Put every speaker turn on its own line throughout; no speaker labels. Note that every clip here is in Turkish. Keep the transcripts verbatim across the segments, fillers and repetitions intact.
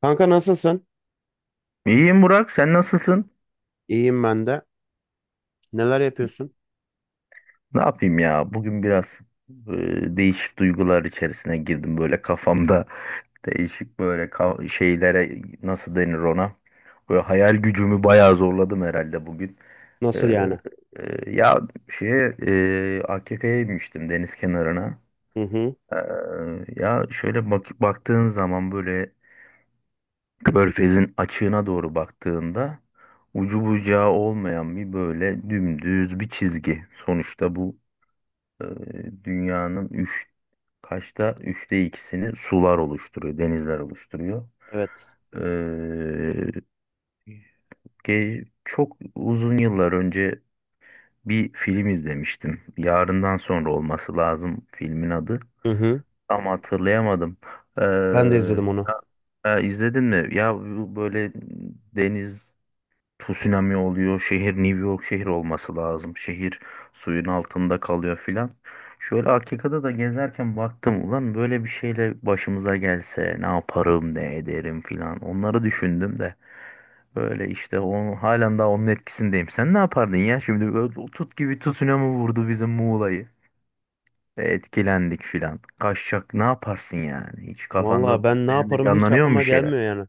Kanka nasılsın?
İyiyim Burak, sen nasılsın?
İyiyim ben de. Neler yapıyorsun?
Ne yapayım ya? Bugün biraz e, değişik duygular içerisine girdim böyle kafamda. Değişik böyle ka- şeylere nasıl denir ona? Böyle hayal gücümü bayağı zorladım herhalde bugün. Ee,
Nasıl yani?
e, Ya şeye e, A K K'ya inmiştim deniz kenarına.
Hı hı.
Ee, Ya şöyle bak baktığın zaman böyle Körfezin açığına doğru baktığında ucu bucağı olmayan bir böyle dümdüz bir çizgi. Sonuçta bu e, dünyanın üç kaçta üçte ikisini sular oluşturuyor, denizler oluşturuyor.
Evet.
E, ge- Çok uzun yıllar önce bir film izlemiştim. Yarından sonra olması lazım filmin adı.
Hı hı.
Ama hatırlayamadım. E,
Ben de izledim onu.
e, izledin mi? Ya bu böyle deniz tsunami oluyor. Şehir New York şehir olması lazım. Şehir suyun altında kalıyor filan. Şöyle Akika'da da gezerken baktım ulan böyle bir şeyle başımıza gelse ne yaparım ne ederim filan. Onları düşündüm de böyle işte onu halen daha onun etkisindeyim. Sen ne yapardın ya şimdi böyle tut gibi tsunami vurdu bizim Muğla'yı. E, Etkilendik filan. Kaçacak ne yaparsın yani? Hiç kafanda
Valla ben ne
senin de
yaparım, hiç
canlanıyor mu
aklıma
bir şeyler?
gelmiyor yani.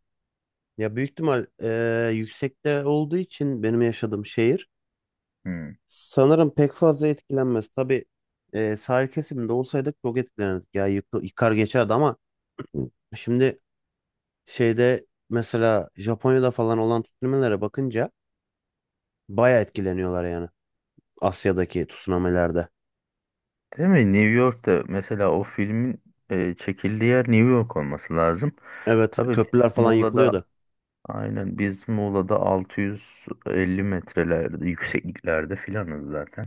Ya büyük ihtimal eee, yüksekte olduğu için benim yaşadığım şehir
Hmm.
sanırım pek fazla etkilenmez. Tabii eee sahil kesiminde olsaydık çok etkilenirdik. Ya yık- yıkar geçerdi, ama şimdi şeyde, mesela Japonya'da falan olan tsunami'lere bakınca baya etkileniyorlar yani. Asya'daki tsunami'lerde.
Değil mi? New York'ta mesela o filmin e, çekildiği yer New York olması lazım.
Evet,
Tabii
köprüler
biz
falan yıkılıyordu.
Muğla'da aynen biz Muğla'da altı yüz elli metrelerde yüksekliklerde filanız zaten.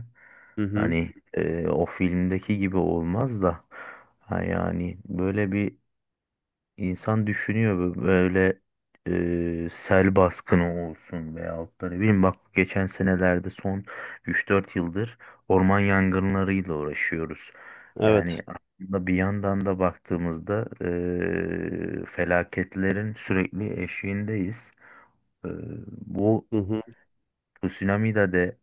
Hı hı.
Hani e, o filmdeki gibi olmaz da ha yani böyle bir İnsan düşünüyor bö- böyle e, sel baskını olsun veyahut da ne bileyim bak geçen senelerde son üç dört yıldır orman yangınlarıyla uğraşıyoruz. Yani
Evet.
aslında bir yandan da baktığımızda e, felaketlerin sürekli eşiğindeyiz. E, Bu
Hı hı.
tsunami'de de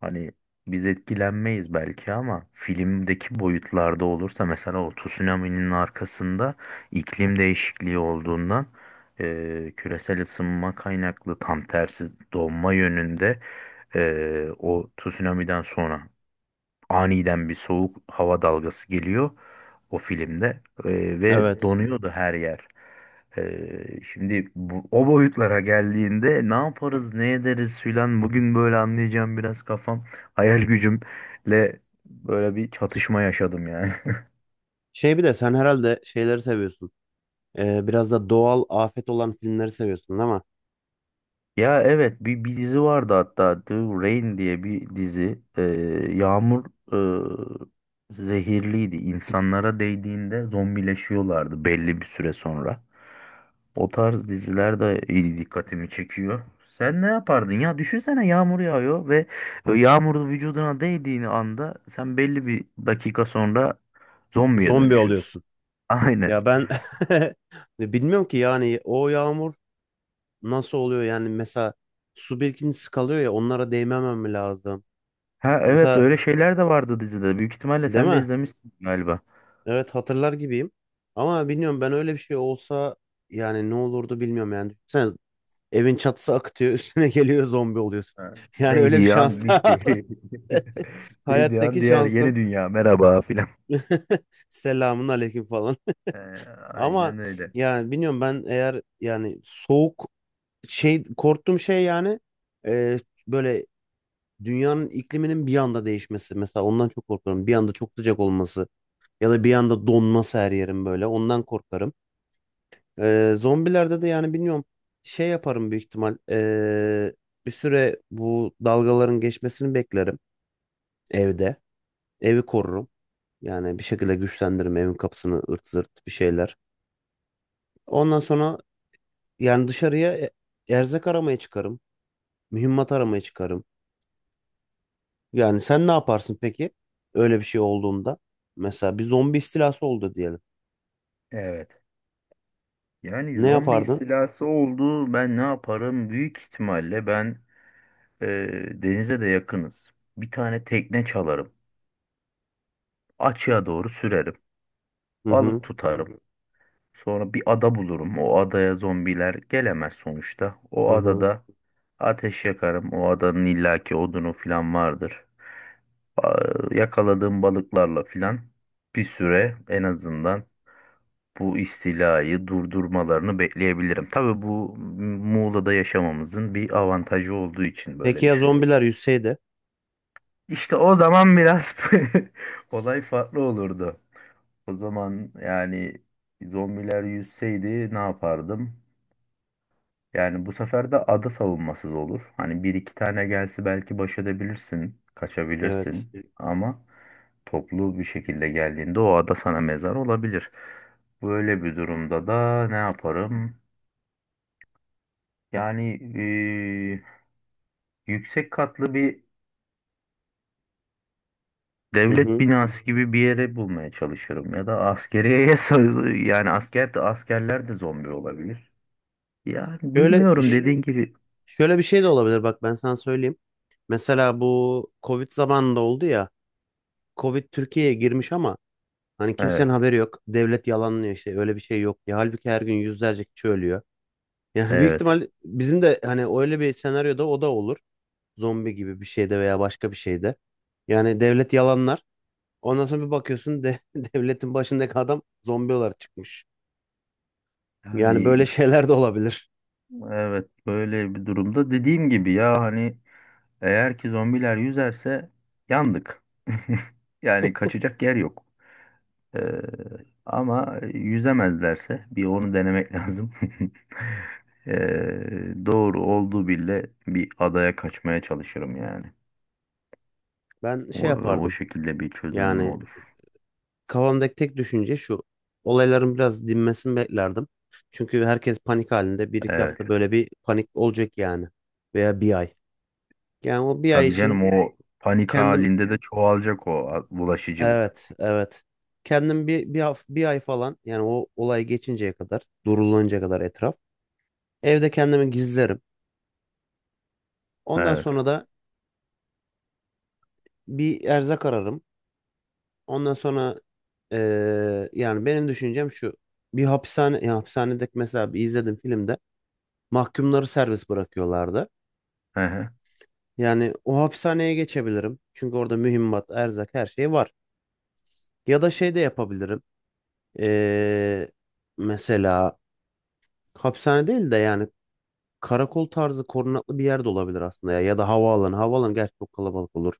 hani biz etkilenmeyiz belki ama filmdeki boyutlarda olursa mesela o tsunami'nin arkasında iklim değişikliği olduğundan eee, küresel ısınma kaynaklı tam tersi donma yönünde eee, o tsunami'den sonra aniden bir soğuk hava dalgası geliyor o filmde Ee, ve
Evet.
donuyordu her yer. Ee, Şimdi bu, o boyutlara geldiğinde ne yaparız, ne ederiz filan bugün böyle anlayacağım biraz kafam, hayal gücümle böyle bir çatışma yaşadım yani.
Şey, bir de sen herhalde şeyleri seviyorsun. Ee, biraz da doğal afet olan filmleri seviyorsun, değil mi?
Ya evet bir, bir dizi vardı hatta The Rain diye bir dizi. Ee, yağmur e, zehirliydi. İnsanlara değdiğinde zombileşiyorlardı belli bir süre sonra. O tarz diziler de iyi dikkatimi çekiyor. Sen ne yapardın ya? Düşünsene yağmur yağıyor ve yağmurun vücuduna değdiğini anda sen belli bir dakika sonra zombiye
Zombi
dönüşüyorsun.
oluyorsun.
Aynen.
Ya ben bilmiyorum ki, yani o yağmur nasıl oluyor yani? Mesela su birikintisi kalıyor ya, onlara değmemem mi lazım?
Ha evet
Mesela
öyle şeyler de vardı dizide. Büyük ihtimalle
değil
sen de
mi?
izlemişsin galiba.
Evet, hatırlar gibiyim. Ama bilmiyorum, ben öyle bir şey olsa yani ne olurdu bilmiyorum yani. Sen. Evin çatısı akıtıyor, üstüne geliyor, zombi oluyorsun.
Ha,
Yani öyle bir
değdiği
şans
an
daha.
bitti. Değdiği an
Hayattaki
diğer yeni
şansım.
dünya merhaba filan.
Selamun aleyküm falan.
Ee,
Ama
aynen öyle.
yani bilmiyorum, ben eğer yani soğuk şey, korktuğum şey yani, e, böyle dünyanın ikliminin bir anda değişmesi. Mesela ondan çok korkarım. Bir anda çok sıcak olması ya da bir anda donması her yerim böyle. Ondan korkarım. E, zombilerde de yani bilmiyorum, şey yaparım büyük ihtimal. E, bir süre bu dalgaların geçmesini beklerim. Evde. Evi korurum. Yani bir şekilde güçlendiririm evin kapısını, ırt zırt bir şeyler. Ondan sonra yani dışarıya e- erzak aramaya çıkarım. Mühimmat aramaya çıkarım. Yani sen ne yaparsın peki? Öyle bir şey olduğunda. Mesela bir zombi istilası oldu diyelim.
Evet. Yani
Ne
zombi
yapardın?
istilası oldu. Ben ne yaparım? Büyük ihtimalle ben e, denize de yakınız. Bir tane tekne çalarım. Açığa doğru sürerim.
Hı
Balık
hı.
tutarım. Sonra bir ada bulurum. O adaya zombiler gelemez sonuçta.
Hı
O
hı.
adada ateş yakarım. O adanın illaki odunu filan vardır. Ba- Yakaladığım balıklarla filan bir süre en azından bu istilayı durdurmalarını bekleyebilirim. Tabii bu Muğla'da yaşamamızın bir avantajı olduğu için
Peki
böyle
ya
düşünüyorum.
zombiler yüzseydi?
İşte o zaman biraz olay farklı olurdu. O zaman yani zombiler yüzseydi ne yapardım? Yani bu sefer de ada savunmasız olur. Hani bir iki tane gelse belki baş edebilirsin,
Evet.
kaçabilirsin. Ama toplu bir şekilde geldiğinde o ada sana mezar olabilir. Böyle bir durumda da ne yaparım? Yani eee, yüksek katlı bir
Hı
devlet
hı.
binası gibi bir yere bulmaya çalışırım. Ya da askeriyeye sığ- yani asker de askerler de zombi olabilir. Yani
Şöyle
bilmiyorum
ş-
dediğin gibi.
Şöyle bir şey de olabilir, bak ben sana söyleyeyim. Mesela bu Covid zamanında oldu ya. Covid Türkiye'ye girmiş ama hani kimsenin
Evet,
haberi yok. Devlet yalanlıyor, işte öyle bir şey yok diye. Halbuki her gün yüzlerce kişi ölüyor. Yani büyük
evet.
ihtimal bizim de hani öyle bir senaryoda o da olur. Zombi gibi bir şeyde veya başka bir şeyde. Yani devlet yalanlar. Ondan sonra bir bakıyorsun de, devletin başındaki adam zombi olarak çıkmış. Yani
Yani
böyle şeyler de olabilir.
evet böyle bir durumda dediğim gibi ya hani eğer ki zombiler yüzerse yandık. Yani kaçacak yer yok. Ee, Ama yüzemezlerse bir onu denemek lazım. Ee, doğru olduğu bile bir adaya kaçmaya çalışırım yani.
Ben
O,
şey
o
yapardım.
şekilde bir çözümüm
Yani
olur.
kafamdaki tek düşünce şu. Olayların biraz dinmesini beklerdim. Çünkü herkes panik halinde. Bir iki hafta
Evet.
böyle bir panik olacak yani. Veya bir ay. Yani o bir ay
Tabii
için
canım o panik
kendim,
halinde de çoğalacak o a- bulaşıcılık.
evet evet, kendim bir bir, haf- bir ay falan, yani o olay geçinceye kadar, durulunca kadar etraf, evde kendimi gizlerim. Ondan
Evet.
sonra da bir erzak ararım. Ondan sonra eee, yani benim düşüncem şu, bir hapishane ya, hapishanedeki, mesela bir izledim filmde mahkumları serbest bırakıyorlardı.
Hı hı.
Yani o hapishaneye geçebilirim. Çünkü orada mühimmat, erzak, her şey var. Ya da şey de yapabilirim. Eee mesela hapishane değil de, yani karakol tarzı korunaklı bir yer de olabilir aslında ya. Ya da havaalanı. Havaalanı gerçi çok kalabalık olur.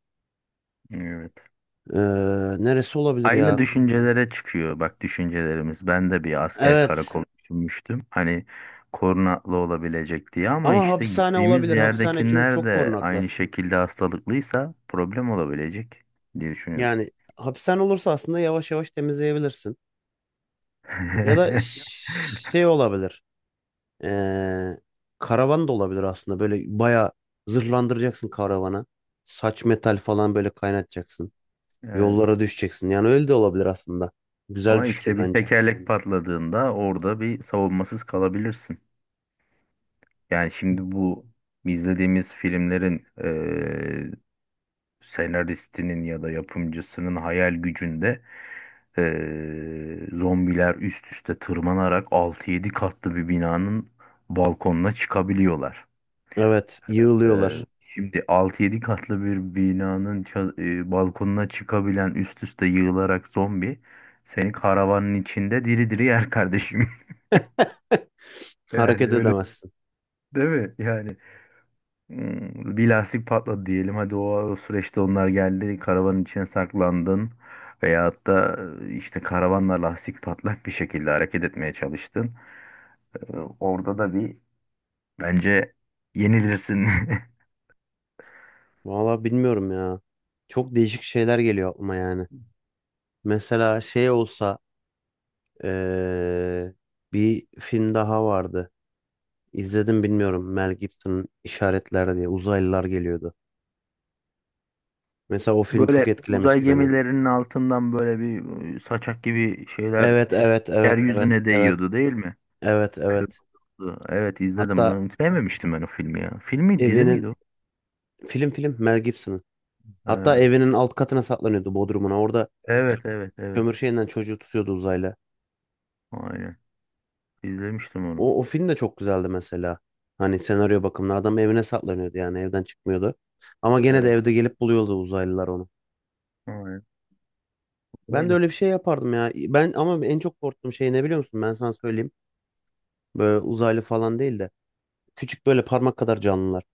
Evet.
Ee, Neresi olabilir
Aynı
ya?
düşüncelere çıkıyor bak düşüncelerimiz. Ben de bir asker
Evet.
karakolu düşünmüştüm. Hani korunaklı olabilecek diye ama
Ama
işte
hapishane
gittiğimiz
olabilir. Hapishane, çünkü
yerdekiler
çok
de
korunaklı.
aynı şekilde hastalıklıysa problem olabilecek diye düşünüyorum.
Yani hapishane olursa aslında yavaş yavaş temizleyebilirsin. Ya da ş- şey olabilir. Ee, Karavan da olabilir aslında. Böyle bayağı zırhlandıracaksın karavana. Saç metal falan böyle kaynatacaksın.
Evet.
Yollara düşeceksin. Yani öyle de olabilir aslında. Güzel bir
Ama
fikir
işte bir
bence.
tekerlek patladığında orada bir savunmasız kalabilirsin. Yani
Hı.
şimdi bu izlediğimiz filmlerin eee senaristinin ya da yapımcısının hayal gücünde Ee, zombiler üst üste tırmanarak altı yedi katlı bir binanın balkonuna çıkabiliyorlar.
Evet,
Ee,
yığılıyorlar.
Evet. Şimdi altı yedi katlı bir binanın ça- e, balkonuna çıkabilen üst üste yığılarak zombi seni karavanın içinde diri diri yer kardeşim. Yani
Hareket
öyle
edemezsin.
değil mi? Yani hmm, bir lastik patladı diyelim. Hadi o, o süreçte onlar geldi karavanın içine saklandın. Veyahut da e, işte karavanla lastik patlak bir şekilde hareket etmeye çalıştın. Ee, Orada da bir bence yenilirsin.
Valla bilmiyorum ya. Çok değişik şeyler geliyor aklıma yani. Mesela şey olsa eee, bir film daha vardı. İzledim, bilmiyorum. Mel Gibson'ın İşaretler diye, uzaylılar geliyordu. Mesela o film
Böyle
çok
uzay
etkilemişti beni.
gemilerinin altından böyle bir e, saçak gibi şeyler
Evet,
ş-
evet, evet, evet,
yeryüzüne
evet.
değiyordu değil mi?
Evet evet.
Kırmızı. Evet izledim.
Hatta
Ben sevmemiştim ben o filmi ya. Filmi dizi miydi
evinin,
o?
film film Mel Gibson'ın. Hatta
Ha,
evinin alt katına saklanıyordu, bodrumuna. Orada
evet evet evet.
kömür şeyinden çocuğu tutuyordu uzayla.
Aynen. İzlemiştim onu.
O, o film de çok güzeldi mesela. Hani senaryo bakımından adam evine saklanıyordu, yani evden çıkmıyordu. Ama gene de
Evet.
evde gelip buluyordu uzaylılar onu.
Aynen.
Ben de
Böyle.
öyle bir şey yapardım ya. Ben ama en çok korktuğum şey ne biliyor musun? Ben sana söyleyeyim. Böyle uzaylı falan değil de küçük böyle parmak kadar canlılar.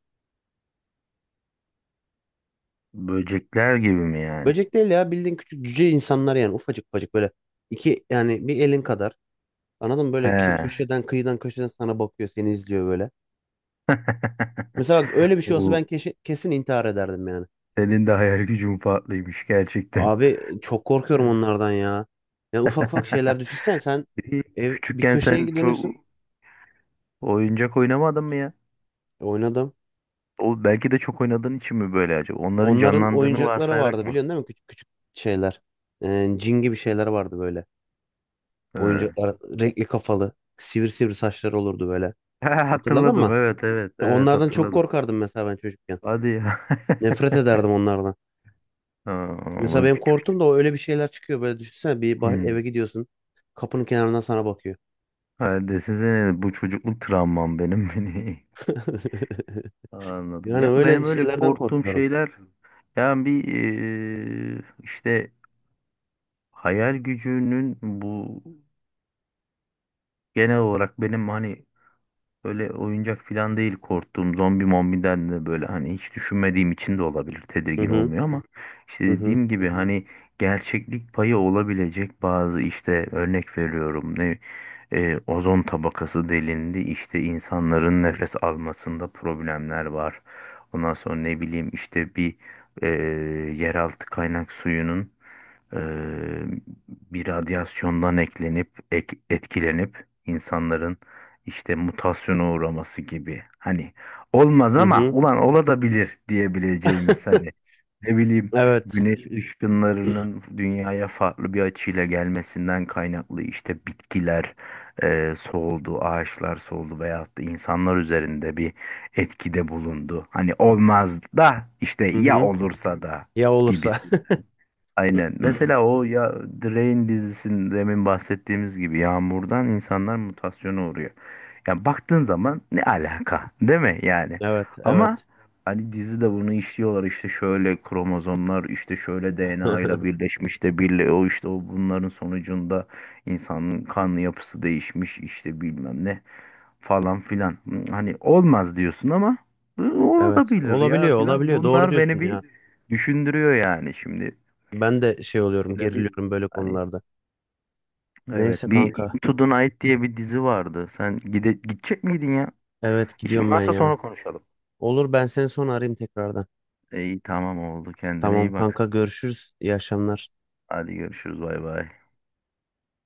Böcekler gibi mi yani?
Böcek değil ya, bildiğin küçük cüce insanlar, yani ufacık ufacık böyle iki, yani bir elin kadar. Anladın mı? Böyle ki-
He.
köşeden, kıyıdan köşeden sana bakıyor, seni izliyor böyle. Mesela bak, öyle bir şey olsa
Oo,
ben keşi- kesin intihar ederdim yani.
senin de hayal gücün farklıymış gerçekten.
Abi çok korkuyorum
Evet.
onlardan ya. Yani ufak ufak şeyler düşünsen sen,
İyi.
ev bir
Küçükken sen
köşeye
çok
dönüyorsun.
oyuncak oynamadın mı ya?
E, Oynadım.
O belki de çok oynadığın için mi böyle acaba? Onların
Onların
canlandığını
oyuncakları
varsayarak
vardı,
mı?
biliyorsun değil mi? Küçük küçük şeyler. E, cin gibi şeyler vardı böyle.
He.
Oyuncaklar renkli kafalı. Sivri sivri saçları olurdu böyle. Hatırladın
hatırladım.
mı?
Evet, evet,
Ya
evet
onlardan çok
hatırladım.
korkardım mesela ben çocukken.
Hadi ya.
Nefret ederdim onlardan.
Aa,
Mesela
bu
benim
küçük
korktum
küçük.
da, o öyle bir şeyler çıkıyor. Böyle düşünsene, bir bah-
Hmm.
eve gidiyorsun. Kapının kenarından sana bakıyor.
Ha, desene bu çocukluk travmam benim beni. Anladım.
Yani
Ya benim
öyle
öyle
şeylerden
korktuğum
korkuyorum.
şeyler yani bir eee, işte hayal gücünün bu genel olarak benim hani böyle oyuncak falan değil korktuğum zombi mombiden de böyle hani hiç düşünmediğim için de olabilir
Hı
tedirgin
hı.
olmuyor ama işte
Hı hı.
dediğim gibi hani gerçeklik payı olabilecek bazı işte örnek veriyorum ne e, ozon tabakası delindi işte insanların nefes almasında problemler var. Ondan sonra ne bileyim işte bir e, yeraltı kaynak suyunun e, bir radyasyondan eklenip ek- etkilenip insanların işte mutasyona uğraması gibi. Hani olmaz
Hı
ama
hı.
ulan olabilir diyebileceğimiz hani ne bileyim
Evet.
güneş ışınlarının dünyaya farklı bir açıyla gelmesinden kaynaklı işte bitkiler e, soğudu, ağaçlar soğudu veyahut da insanlar üzerinde bir etkide bulundu. Hani olmaz da işte
Hı
ya
hı.
olursa da
Ya olursa.
gibisinden. Aynen. Mesela o ya Drain dizisinin demin bahsettiğimiz gibi yağmurdan insanlar mutasyona uğruyor. Yani baktığın zaman ne alaka, değil mi yani?
Evet,
Ama
evet.
hani dizide bunu işliyorlar işte şöyle kromozomlar işte şöyle D N A ile birleşmiş de birle o işte o bunların sonucunda insanın kan yapısı değişmiş işte bilmem ne falan filan. Hani olmaz diyorsun ama "Hı,
Evet.
olabilir ya
Olabiliyor,
filan."
olabiliyor. Doğru
Bunlar
diyorsun
beni bir
ya.
düşündürüyor yani şimdi.
Ben de şey oluyorum,
Öyle bir
geriliyorum böyle
hani
konularda.
evet
Neyse
bir
kanka.
Into the Night diye bir dizi vardı. Sen gide gidecek miydin ya?
Evet,
İşin
gidiyorum ben
varsa
ya.
sonra konuşalım.
Olur, ben seni sonra arayayım tekrardan.
İyi tamam oldu. Kendine
Tamam
iyi bak.
kanka, görüşürüz. İyi akşamlar.
Hadi görüşürüz. Bay bay.